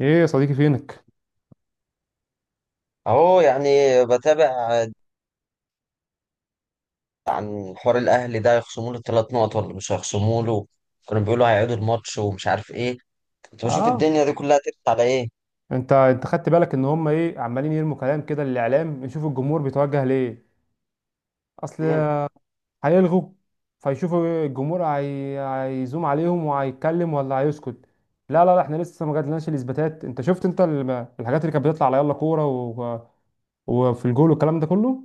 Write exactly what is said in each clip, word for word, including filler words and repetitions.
ايه يا صديقي، فينك؟ اهو يعني، بتابع عن حوار الاهلي ده. هيخصموا له ثلاث نقط ولا مش هيخصموا له؟ كانوا بيقولوا هيعيدوا الماتش ومش عارف ايه. كنت بشوف اه، الدنيا دي كلها ترفع على ايه. انت انت خدت بالك ان هم ايه عمالين يرموا كلام كده للاعلام، نشوف الجمهور بيتوجه ليه؟ اصل مم. هيلغوا، فيشوفوا الجمهور هي... هيزوم عليهم وهيتكلم ولا هيسكت. لا لا لا، احنا لسه ما جاتلناش الاثباتات. انت شفت انت ال- الحاجات اللي كانت بتطلع على يلا كوره و... وفي الجول والكلام ده كله.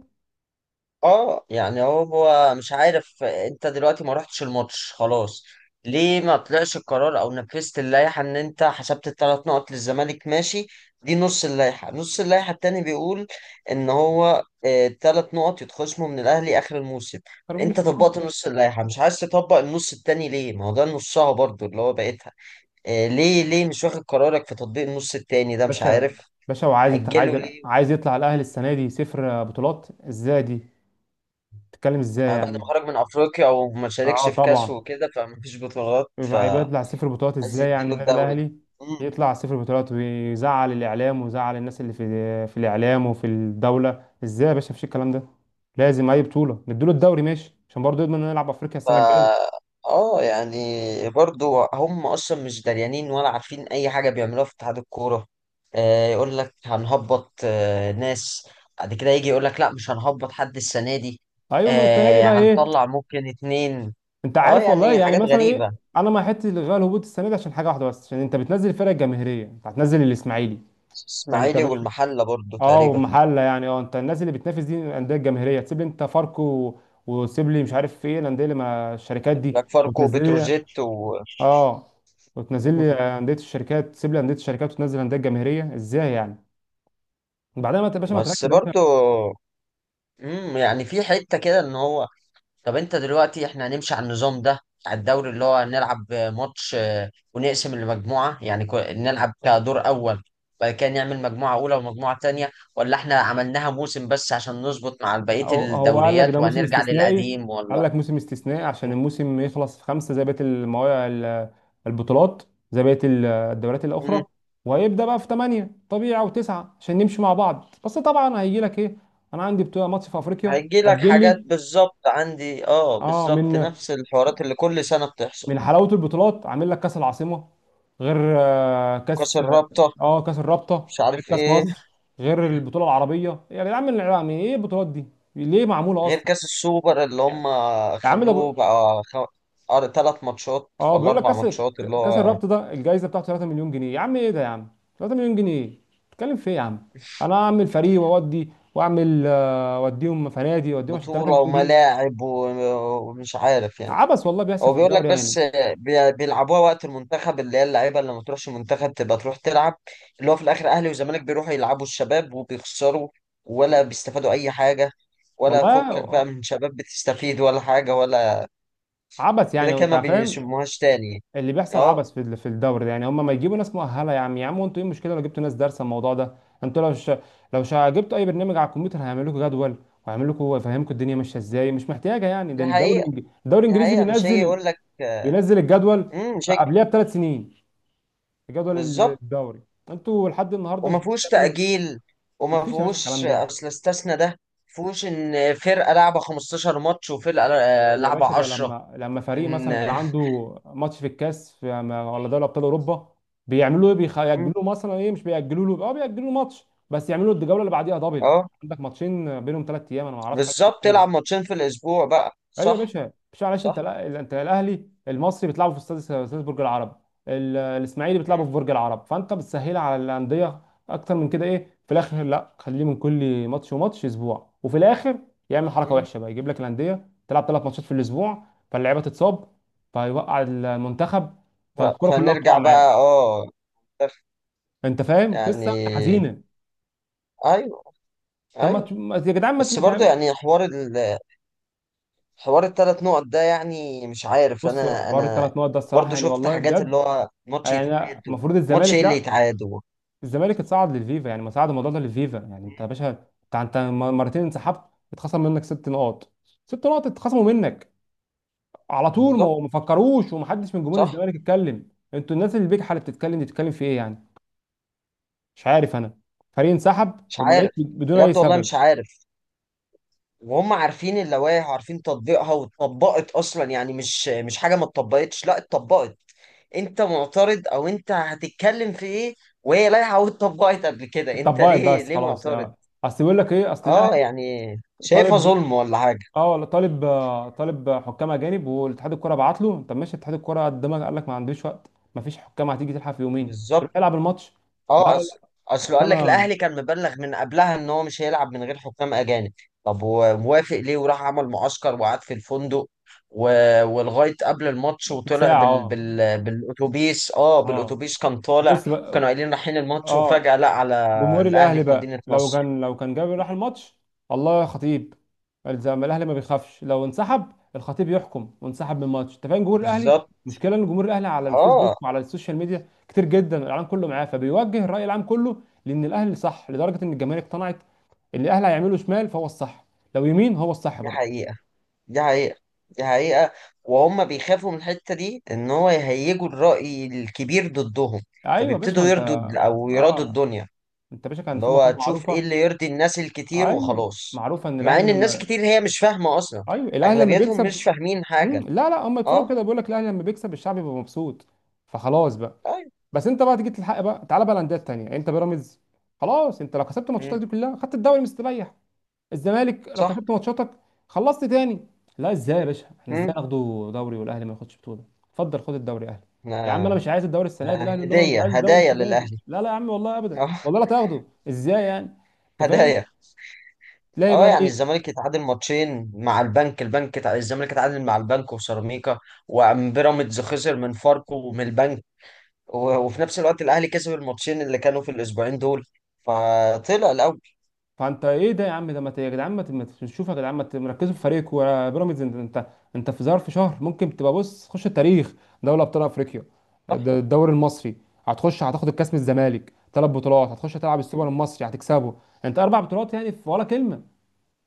اه يعني، هو هو مش عارف. انت دلوقتي ما رحتش الماتش خلاص. ليه ما طلعش القرار او نفذت اللائحه ان انت حسبت الثلاث نقط للزمالك؟ ماشي، دي نص اللائحه. نص اللائحه التاني بيقول ان هو الثلاث نقط يتخصموا من الاهلي اخر الموسم. مرموش انت طبقت مرموش. نص اللائحه مش عايز تطبق النص التاني ليه؟ ما هو ده نصها برضو اللي هو بقيتها. آه، ليه ليه مش واخد قرارك في تطبيق النص التاني ده؟ مش باشا، عارف. باشا، وعايز، انت اجله، عايز ليه؟ عايز يطلع الاهلي السنه دي صفر بطولات؟ ازاي دي؟ تتكلم ازاي آه، بعد ما يعني؟ خرج من افريقيا وما اه شاركش في كاس طبعا، وكده فما فيش بطولات، لعيبه يطلع فعايز صفر بطولات ازاي يعني يديله النادي الدوري. الاهلي؟ مم. يطلع صفر بطولات ويزعل الاعلام ويزعل الناس اللي في في الاعلام وفي الدوله ازاي يا باشا؟ مفيش الكلام ده. لازم اي بطوله، نديله الدوري ماشي، عشان برضه يضمن انه يلعب افريقيا ف السنه الجايه. اه يعني برضو، هم اصلا مش داريانين ولا عارفين اي حاجه بيعملوها في اتحاد الكوره. آه، يقول لك هنهبط. آه، ناس بعد كده يجي يقول لك لا مش هنهبط حد السنه دي. ايوه، ما السنه دي آه، بقى ايه. هنطلع ممكن اتنين. انت اه عارف والله، يعني يعني حاجات مثلا ايه، غريبه. انا ما حته الغاء الهبوط السنه دي عشان حاجه واحده بس، عشان انت بتنزل الفرق الجماهيريه، انت هتنزل الاسماعيلي. فانت يا اسماعيلي باشا، والمحله برضو اه تقريبا. ومحله يعني، اه انت الناس اللي بتنافس دي الانديه الجماهيريه تسيب لي، انت فاركو و- وتسيب لي مش عارف ايه الانديه اللي مع الشركات دي، بلاك فاركو وتنزل لي. وبتروجيت و اه، وتنزل لي انديه الشركات، تسيب لي انديه الشركات وتنزل الانديه الجماهيريه ازاي يعني؟ بعدين ما تبقاش، ما بس تركز. برضو. امم يعني في حته كده ان هو، طب انت دلوقتي احنا هنمشي على النظام ده بتاع الدوري، اللي هو هنلعب ماتش. آه، ونقسم المجموعه، يعني كو- نلعب كدور اول. بعد كده نعمل مجموعه اولى ومجموعه تانية، ولا احنا عملناها موسم بس عشان نظبط مع بقيه هو هو قال لك الدوريات ده موسم وهنرجع استثنائي. للقديم، قال ولا؟ لك موسم استثنائي عشان الموسم يخلص في خمسة زي بقية المواقع، البطولات، زي بقية ال- الدوريات امم. الأخرى. وهيبدأ بقى في ثمانية طبيعي أو تسعة عشان نمشي مع بعض. بس طبعا هيجي لك إيه، أنا عندي بطولة ماتش في أفريقيا، هيجي لك أجل حاجات لي. بالظبط، عندي اه أه، بالظبط من نفس الحوارات اللي كل سنه بتحصل. من حلاوة البطولات عامل لك كأس العاصمة، غير آه، كاس كأس. الرابطه، أه، كأس الرابطة، مش غير عارف كأس ايه، مصر، غير البطولة العربية. يعني يا عم، يعني إيه البطولات دي؟ ليه معمولة غير أصلا؟ كاس السوبر اللي هم يا عم ده، خلوه بقى خ... ثلاث ماتشات اه ولا بيقول لك اربع كاس، ماتشات، اللي كاس هو الرابط ده الجايزه بتاعته ثلاثة مليون جنيه. يا عم، ايه ده يا عم؟ تلات مليون جنيه، بتتكلم في ايه يا عم؟ انا اعمل فريق واودي واعمل، آه، اوديهم فنادي واوديهم عشان ثلاثة بطولة مليون جنيه؟ وملاعب و- ومش عارف يعني. عبث والله، بيحصل هو في بيقول لك، الدوري يعني. بس بي- بيلعبوها وقت المنتخب، اللي هي اللعيبة اللي ما تروحش المنتخب تبقى تروح تلعب. اللي هو في الاخر اهلي وزمالك بيروحوا يلعبوا الشباب وبيخسروا، ولا بيستفادوا اي حاجة؟ ولا فكك بقى، والله، من شباب بتستفيد ولا حاجة ولا؟ عبث كده يعني، كده وانت ما فاهم. بيسموهاش تاني. اللي بيحصل اه، عبث في ال- في الدوري ده يعني. هم ما يجيبوا ناس مؤهله يا عم، يا عم انتوا ايه المشكله لو جبتوا ناس دارسه الموضوع ده؟ انتوا لو ش... لو ش... جبتوا اي برنامج على الكمبيوتر هيعمل لكم جدول، وهيعمل لكم، يفهمكم الدنيا ماشيه ازاي، مش محتاجه. يعني ده دي الدوري حقيقة، الإنج- الدوري دي الانجليزي حقيقة. مش هيجي بينزل، يقول لك. بينزل الجدول مم، مش بقى هيجي. قبلها بثلاث سنين، الجدول، بالظبط. الدوري. انتوا لحد النهارده مش وما قادرين فيهوش تعملوا. تأجيل، وما مفيش يا باشا فيهوش الكلام ده. اصل استثنى ده. فيهوش ان فرقة لعبة خمستاشر ماتش وفرقة يا آه، يا لعبة باشا، ده عشرة. لما لما فريق مثلا ان بيبقى عنده ماتش في الكاس، في ولا دوري ابطال اوروبا، بيعملوا ايه؟ بيخ- مم. بيأجلوه مثلا، ايه مش بيأجلوا له، اه بيأجلوا له ماتش بس، يعملوا الجوله اللي بعديها دبل. اه عندك ماتشين بينهم ثلاث ايام. انا ما اعرفش حاجه اسمها بالظبط، كده. تلعب ماتشين في الاسبوع بقى، ايوه يا صح. باشا، مش معلش، انت صح. لا ال- انت الاهلي المصري بتلعبوا في استاد، استاد برج العرب، ال- الاسماعيلي بتلعبوا مم. في برج العرب، فانت بتسهلها على الانديه. اكتر من كده ايه؟ في الاخر لا، خليه من كل ماتش وماتش اسبوع، وفي الاخر يعمل حركه مم. وحشه بقى، يجيب لك الانديه تلعب ثلاث ماتشات في الاسبوع، فاللعيبه تتصاب، فيوقع المنتخب، ف- فالكره كلها تقع فنرجع معاه. بقى، اه انت فاهم، قصه يعني. حزينه. ايوه. طب ما ايوه. ت-، ما-، يا جدعان، ما ت-، بس ما برضه ت-، يعني، حوار ال... حوار الثلاث نقط ده، يعني مش عارف. بصوا، انا حوار انا الثلاث نقط ده الصراحه برضه يعني شفت والله حاجات اللي بجد. هو ماتش يعني يتعادوا. المفروض ماتش الزمالك، ايه اللي لا يتعادوا؟ الزمالك، اتصعد للفيفا يعني، ما صعد الموضوع ده للفيفا يعني. انت يا باشا، انت انت مرتين انسحبت، اتخصم منك ست نقاط، ست نقط اتخصموا منك على طول، بالظبط. ما ما فكروش ومحدش من جمهور صح. الزمالك اتكلم. انتوا الناس اللي بيجحة اللي بتتكلم دي، بتتكلم في ايه يعني؟ مش عارف انا. فريق انسحب مش وما جاش عارف، بد- بدون اي بجد والله مش سبب. عارف. وهم عارفين اللوائح وعارفين تطبيقها، واتطبقت اصلا يعني، مش مش حاجه ما اتطبقتش، لا اتطبقت. انت معترض او انت هتتكلم في ايه؟ وهي لائحه واتطبقت قبل كده، انت اتطبقت ليه بس ليه خلاص، معترض؟ اه. اصل بيقول لك ايه، اصل اه الاهلي يعني، شايفها طالب، ظلم ولا حاجه. اه، ولا طالب، آه، طالب حكام اجانب، والاتحاد الكوره بعت له، طب ماشي، اتحاد الكوره قدمك قال لك ما عنديش وقت، ما فيش حكام، هتيجي تلحق في يومين، روح بالظبط. العب الماتش. اه لا، اصل، اصل اصل قال لك انا الاهلي كان مبلغ من قبلها ان هو مش هيلعب من غير حكام اجانب. طب ووافق ليه وراح عمل معسكر وقعد في الفندق و... ولغايه قبل الماتش، في وطلع ساعه، بال... اه، بال... بالاتوبيس، اه اه بالاتوبيس كان طالع. بص بقى، كانوا قايلين رايحين الماتش اه وفجاه لا. على جمهور الاهلي الاهلي في بقى مدينه لو نصر. كان لو كان جاب، راح الماتش، الله يا خطيب، الزم الاهلي ما بيخافش. لو انسحب الخطيب يحكم وانسحب من الماتش، انت فاهم جمهور الاهلي. بالظبط. مشكله ان جمهور الاهلي على الفيسبوك اه، وعلى السوشيال ميديا كتير جدا، العالم كله معاه، فبيوجه الراي العام كله لان الاهلي صح، لدرجه ان الجماهير اقتنعت ان الاهلي هيعمله شمال فهو الصح، لو يمين هو الصح دي برضه. حقيقه، دي حقيقه، دي حقيقه. وهم بيخافوا من الحته دي، ان هو يهيجوا الراي الكبير ضدهم، ايوه يا باشا، فبيبتدوا ما انت، يردوا او يرادوا اه، الدنيا، انت يا باشا، كان اللي في هو مقوله تشوف ايه معروفه، اللي يرضي الناس الكتير ايوه وخلاص. معروفه، ان مع الاهلي ان الناس لما، الكتير هي مش فاهمة اصلا، ايوه الاهلي لما اغلبيتهم مش بيكسب، فاهمين مم. حاجة. لا لا، هم اتفرجوا اه. كده، بيقول لك الاهلي لما بيكسب الشعب بيبقى مبسوط. فخلاص بقى. طيب. بس انت بقى تيجي تلحق بقى، تعالى بقى، الانديه التانيه، انت بيراميدز، خلاص، انت لو كسبت ماتشاتك مم. دي كلها خدت الدوري، مستريح. الزمالك لو صح. كسبت ماتشاتك، خلصت تاني. لا، ازاي يا باشا احنا، ازاي مم. ناخده دوري والاهلي ما ياخدش بطوله؟ اتفضل خد الدوري يا اهلي. يا عم، انا آه. مش عايز الدوري السنه دي، آه، الاهلي يقول لهم انا مش هدية. عايز الدوري هدايا السنه دي للاهلي. لا لا، يا عم والله ابدا، اه والله لا تاخده. ازاي يعني؟ انت فاهم، هدايا. تلاقي اه بقى يعني ايه، الزمالك يتعادل ماتشين مع البنك، البنك يتع- الزمالك يتعادل مع البنك وسيراميكا، وبيراميدز خسر من فاركو ومن البنك، و- وفي نفس الوقت الاهلي كسب الماتشين اللي كانوا في الاسبوعين دول، فطلع الاول. فانت ايه ده يا عم؟ ده ما ت-، يا جدعان ما ت-، ما تشوف يا جدعان، ما تركزوا في فريقكم، ولا بيراميدز انت، انت انت في ظرف شهر ممكن تبقى، بص، تخش التاريخ. دوري ابطال افريقيا، صح. د- الدوري المصري، هتخش، هتاخد الكاس من الزمالك ثلاث بطولات، هتخش تلعب السوبر المصري هتكسبه. انت اربع بطولات، يعني في ولا كلمه؟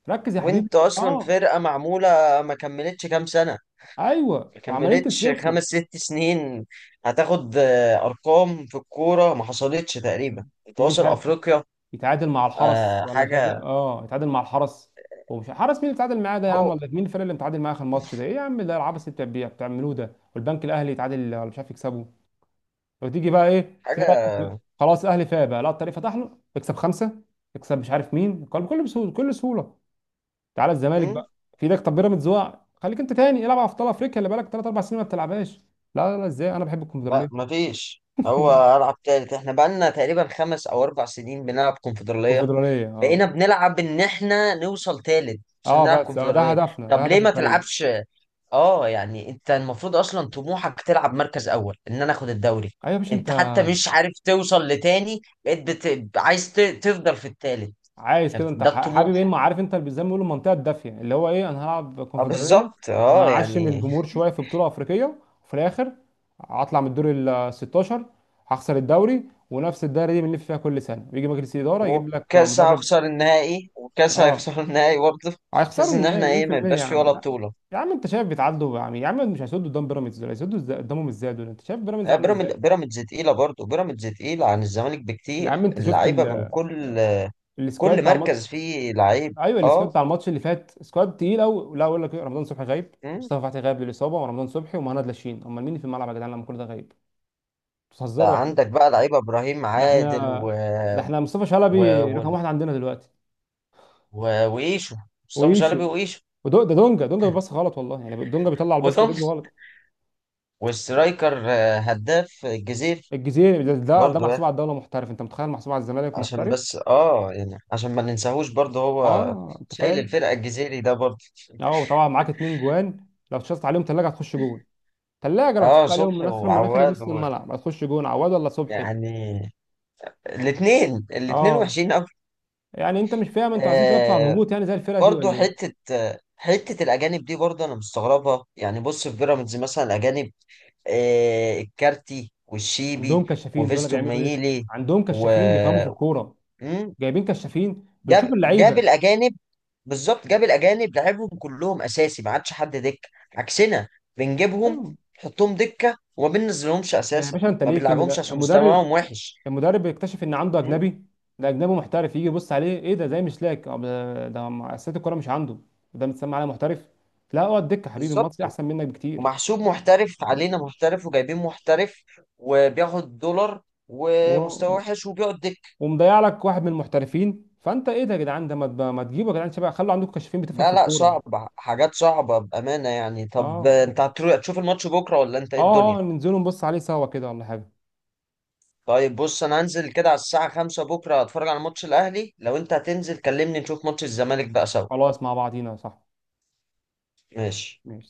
ركز يا حبيبي. وانت اصلا اه، فرقه معموله، ما كملتش كام سنه، ايوه ما وعمالين كملتش تصرفوا، خمس ست سنين. هتاخد آه، ارقام في الكوره ما حصلتش تقريبا، انت يجي مش واصل عارف افريقيا. يتعادل مع الحرس، آه ولا مش عارف إيه. حاجه. اه، يتعادل مع الحرس، ومش حرس، مين اللي اتعادل معاه ده يا عم؟ هو ولا مين الفريق اللي متعادل معاه اخر ماتش ده ايه يا عم؟ ده العبث اللي بتعمل- بتعملوه ده، والبنك الاهلي يتعادل، ولا مش عارف يكسبه، وتيجي بقى ايه، تلاقي حاجه. بقى- خلاص الاهلي فاق بقى، لا الطريق فتح له، يكسب خمسه، يكسب مش عارف مين، كل كل بسهوله، كل سهوله. تعالى الزمالك مم؟ بقى، في ايدك، طب بيراميدز وقع، خليك انت تاني، العب ابطال افريقيا اللي بقالك ثلاث اربع سنين ما بتلعبهاش. لا لا ازاي، انا بحب لا الكونفدراليه. ما فيش، هو العب تالت. احنا بقالنا تقريبا خمس او اربع سنين بنلعب كونفدراليه. الكونفدراليه، اه، بقينا بنلعب ان احنا نوصل تالت عشان اه نلعب بس، آه، ده كونفدراليه. هدفنا، ده طب ليه هدف ما الفريق. تلعبش؟ اه يعني، انت المفروض اصلا طموحك تلعب مركز اول، ان انا اخد الدوري. ايوه يا باشا، انت انت حتى مش عارف توصل لتاني، بقيت بت... عايز ت... تفضل في التالت. عايز يعني كده، انت ده ح- حابب ايه؟ الطموح. ما عارف، انت اللي زي ما بيقولوا المنطقه الدافيه، اللي هو ايه انا هلعب اه كونفدراليه بالظبط، اه وهعشم يعني. الجمهور شويه في بطوله افريقيه، وفي الاخر هطلع من الدور ال ستاشر، هخسر الدوري، ونفس الدايره دي بنلف فيها كل سنه، ويجي مجلس الاداره يجيب لك وكاس مدرب. هخسر النهائي، وكاس اه، هيخسر النهائي برضه. بحيث هيخسروا ان النهائي احنا مليون ايه، في ما الميه يا يبقاش فيه عم، ولا لا. بطولة. يا عم انت شايف، بيتعدوا يا عم، يا عم مش هيسدوا قدام بيراميدز دول، هيسدوا إزاي، قدامهم ازاي دول؟ انت شايف بيراميدز آه، عامله ازاي؟ بيراميد بيراميدز تقيلة برضه، بيراميدز تقيلة عن الزمالك يا بكتير، عم انت شفت اللعيبة من ال- كل السكواد كل بتاع الماتش، مركز فيه لعيب. ايوه السكواد اه. بتاع الماتش اللي فات، سكواد تقيل قوي، لا اقول لك إيه، رمضان صبحي غايب، مم. مصطفى فتحي غايب للاصابه، ورمضان صبحي ومهند لاشين، امال مين اللي في الملعب يا جدعان لما كل ده غايب؟ بتهزروا بقى ولا ايه؟ عندك بقى لعيبة ابراهيم ده احنا، عادل و... ده احنا مصطفى شلبي و... رقم واحد عندنا دلوقتي، و- وإيشو. مصطفى ويشو، شلبي وإيشو ودو، ده دونجا، دونجا بيبص غلط والله، يعني دونجا بيطلع الباص من رجله وتومس. غلط. والسترايكر آه، هداف الجزيرة الجزيري ده ده, ده برضه، يعني محسوب على الدوله محترف، انت متخيل؟ محسوب على الزمالك عشان محترف. بس اه يعني عشان ما ننساهوش برضه هو اه، انت شايل فاهم، الفرقة. الجزيري ده برضه. اه وطبعا معاك اتنين جوان، لو تشطت عليهم ثلاجه هتخش جون، ثلاجه لو اه تشطت عليهم صبحي من اخر، من اخر وعواد نص و... الملعب هتخش جون عواد ولا صبحي. يعني الاثنين الاثنين اه وحشين قوي. يعني، انت مش فاهم، انتوا عايزين تلعبوا على آه الهبوط يعني زي الفرقه دي برضو، ولا ايه؟ حتة حتة الأجانب دي برضو أنا مستغربها. يعني بص في بيراميدز مثلا الأجانب، آه الكارتي والشيبي عندهم كشافين دول وفيستون بيعملوا ايه؟ مايلي عندهم و... كشافين بيفهموا في الكوره، جايبين كشافين بيشوف جاب جاب اللعيبه. الاجانب. بالظبط، جاب الاجانب لعبهم كلهم اساسي، ما عادش حد دكه. عكسنا، بنجيبهم ايوه، نحطهم دكه وما بننزلهمش آه، يا اساسا، باشا انت ما ليه كل بنلعبهمش ده؟ عشان المدرب، مستواهم وحش. المدرب بيكتشف ان عنده م? اجنبي، ده اجنبي محترف، يجي يبص عليه ايه ده زي مشلاك، أه ده ده اساسات الكوره مش عنده، ده متسمى عليه محترف. لا، اقعد دكه، حبيبي بالظبط، المصري احسن منك بكتير. ومحسوب محترف، علينا محترف وجايبين محترف وبياخد دولار و...، ومستوى وحش وبيقعد دك. ومضيع لك واحد من المحترفين، فانت ايه ده يا جدعان؟ ده ما تب-، ما تجيبوا يا جدعان شباب، خلوا عندكم كشافين بتفهم لا في لا، الكوره. صعبة، حاجات صعبة بأمانة يعني. طب اه، انت هترو- هتشوف الماتش بكرة، ولا انت ايه الدنيا؟ اه، اه، ننزلوا نبص عليه سوا كده ولا حاجة؟ طيب بص، انا هنزل كده على الساعة خمسة بكرة، اتفرج على ماتش الاهلي. لو انت هتنزل كلمني، نشوف ماتش الزمالك بقى سوا. خلاص مع بعضينا، صح؟ ماشي. ماشي.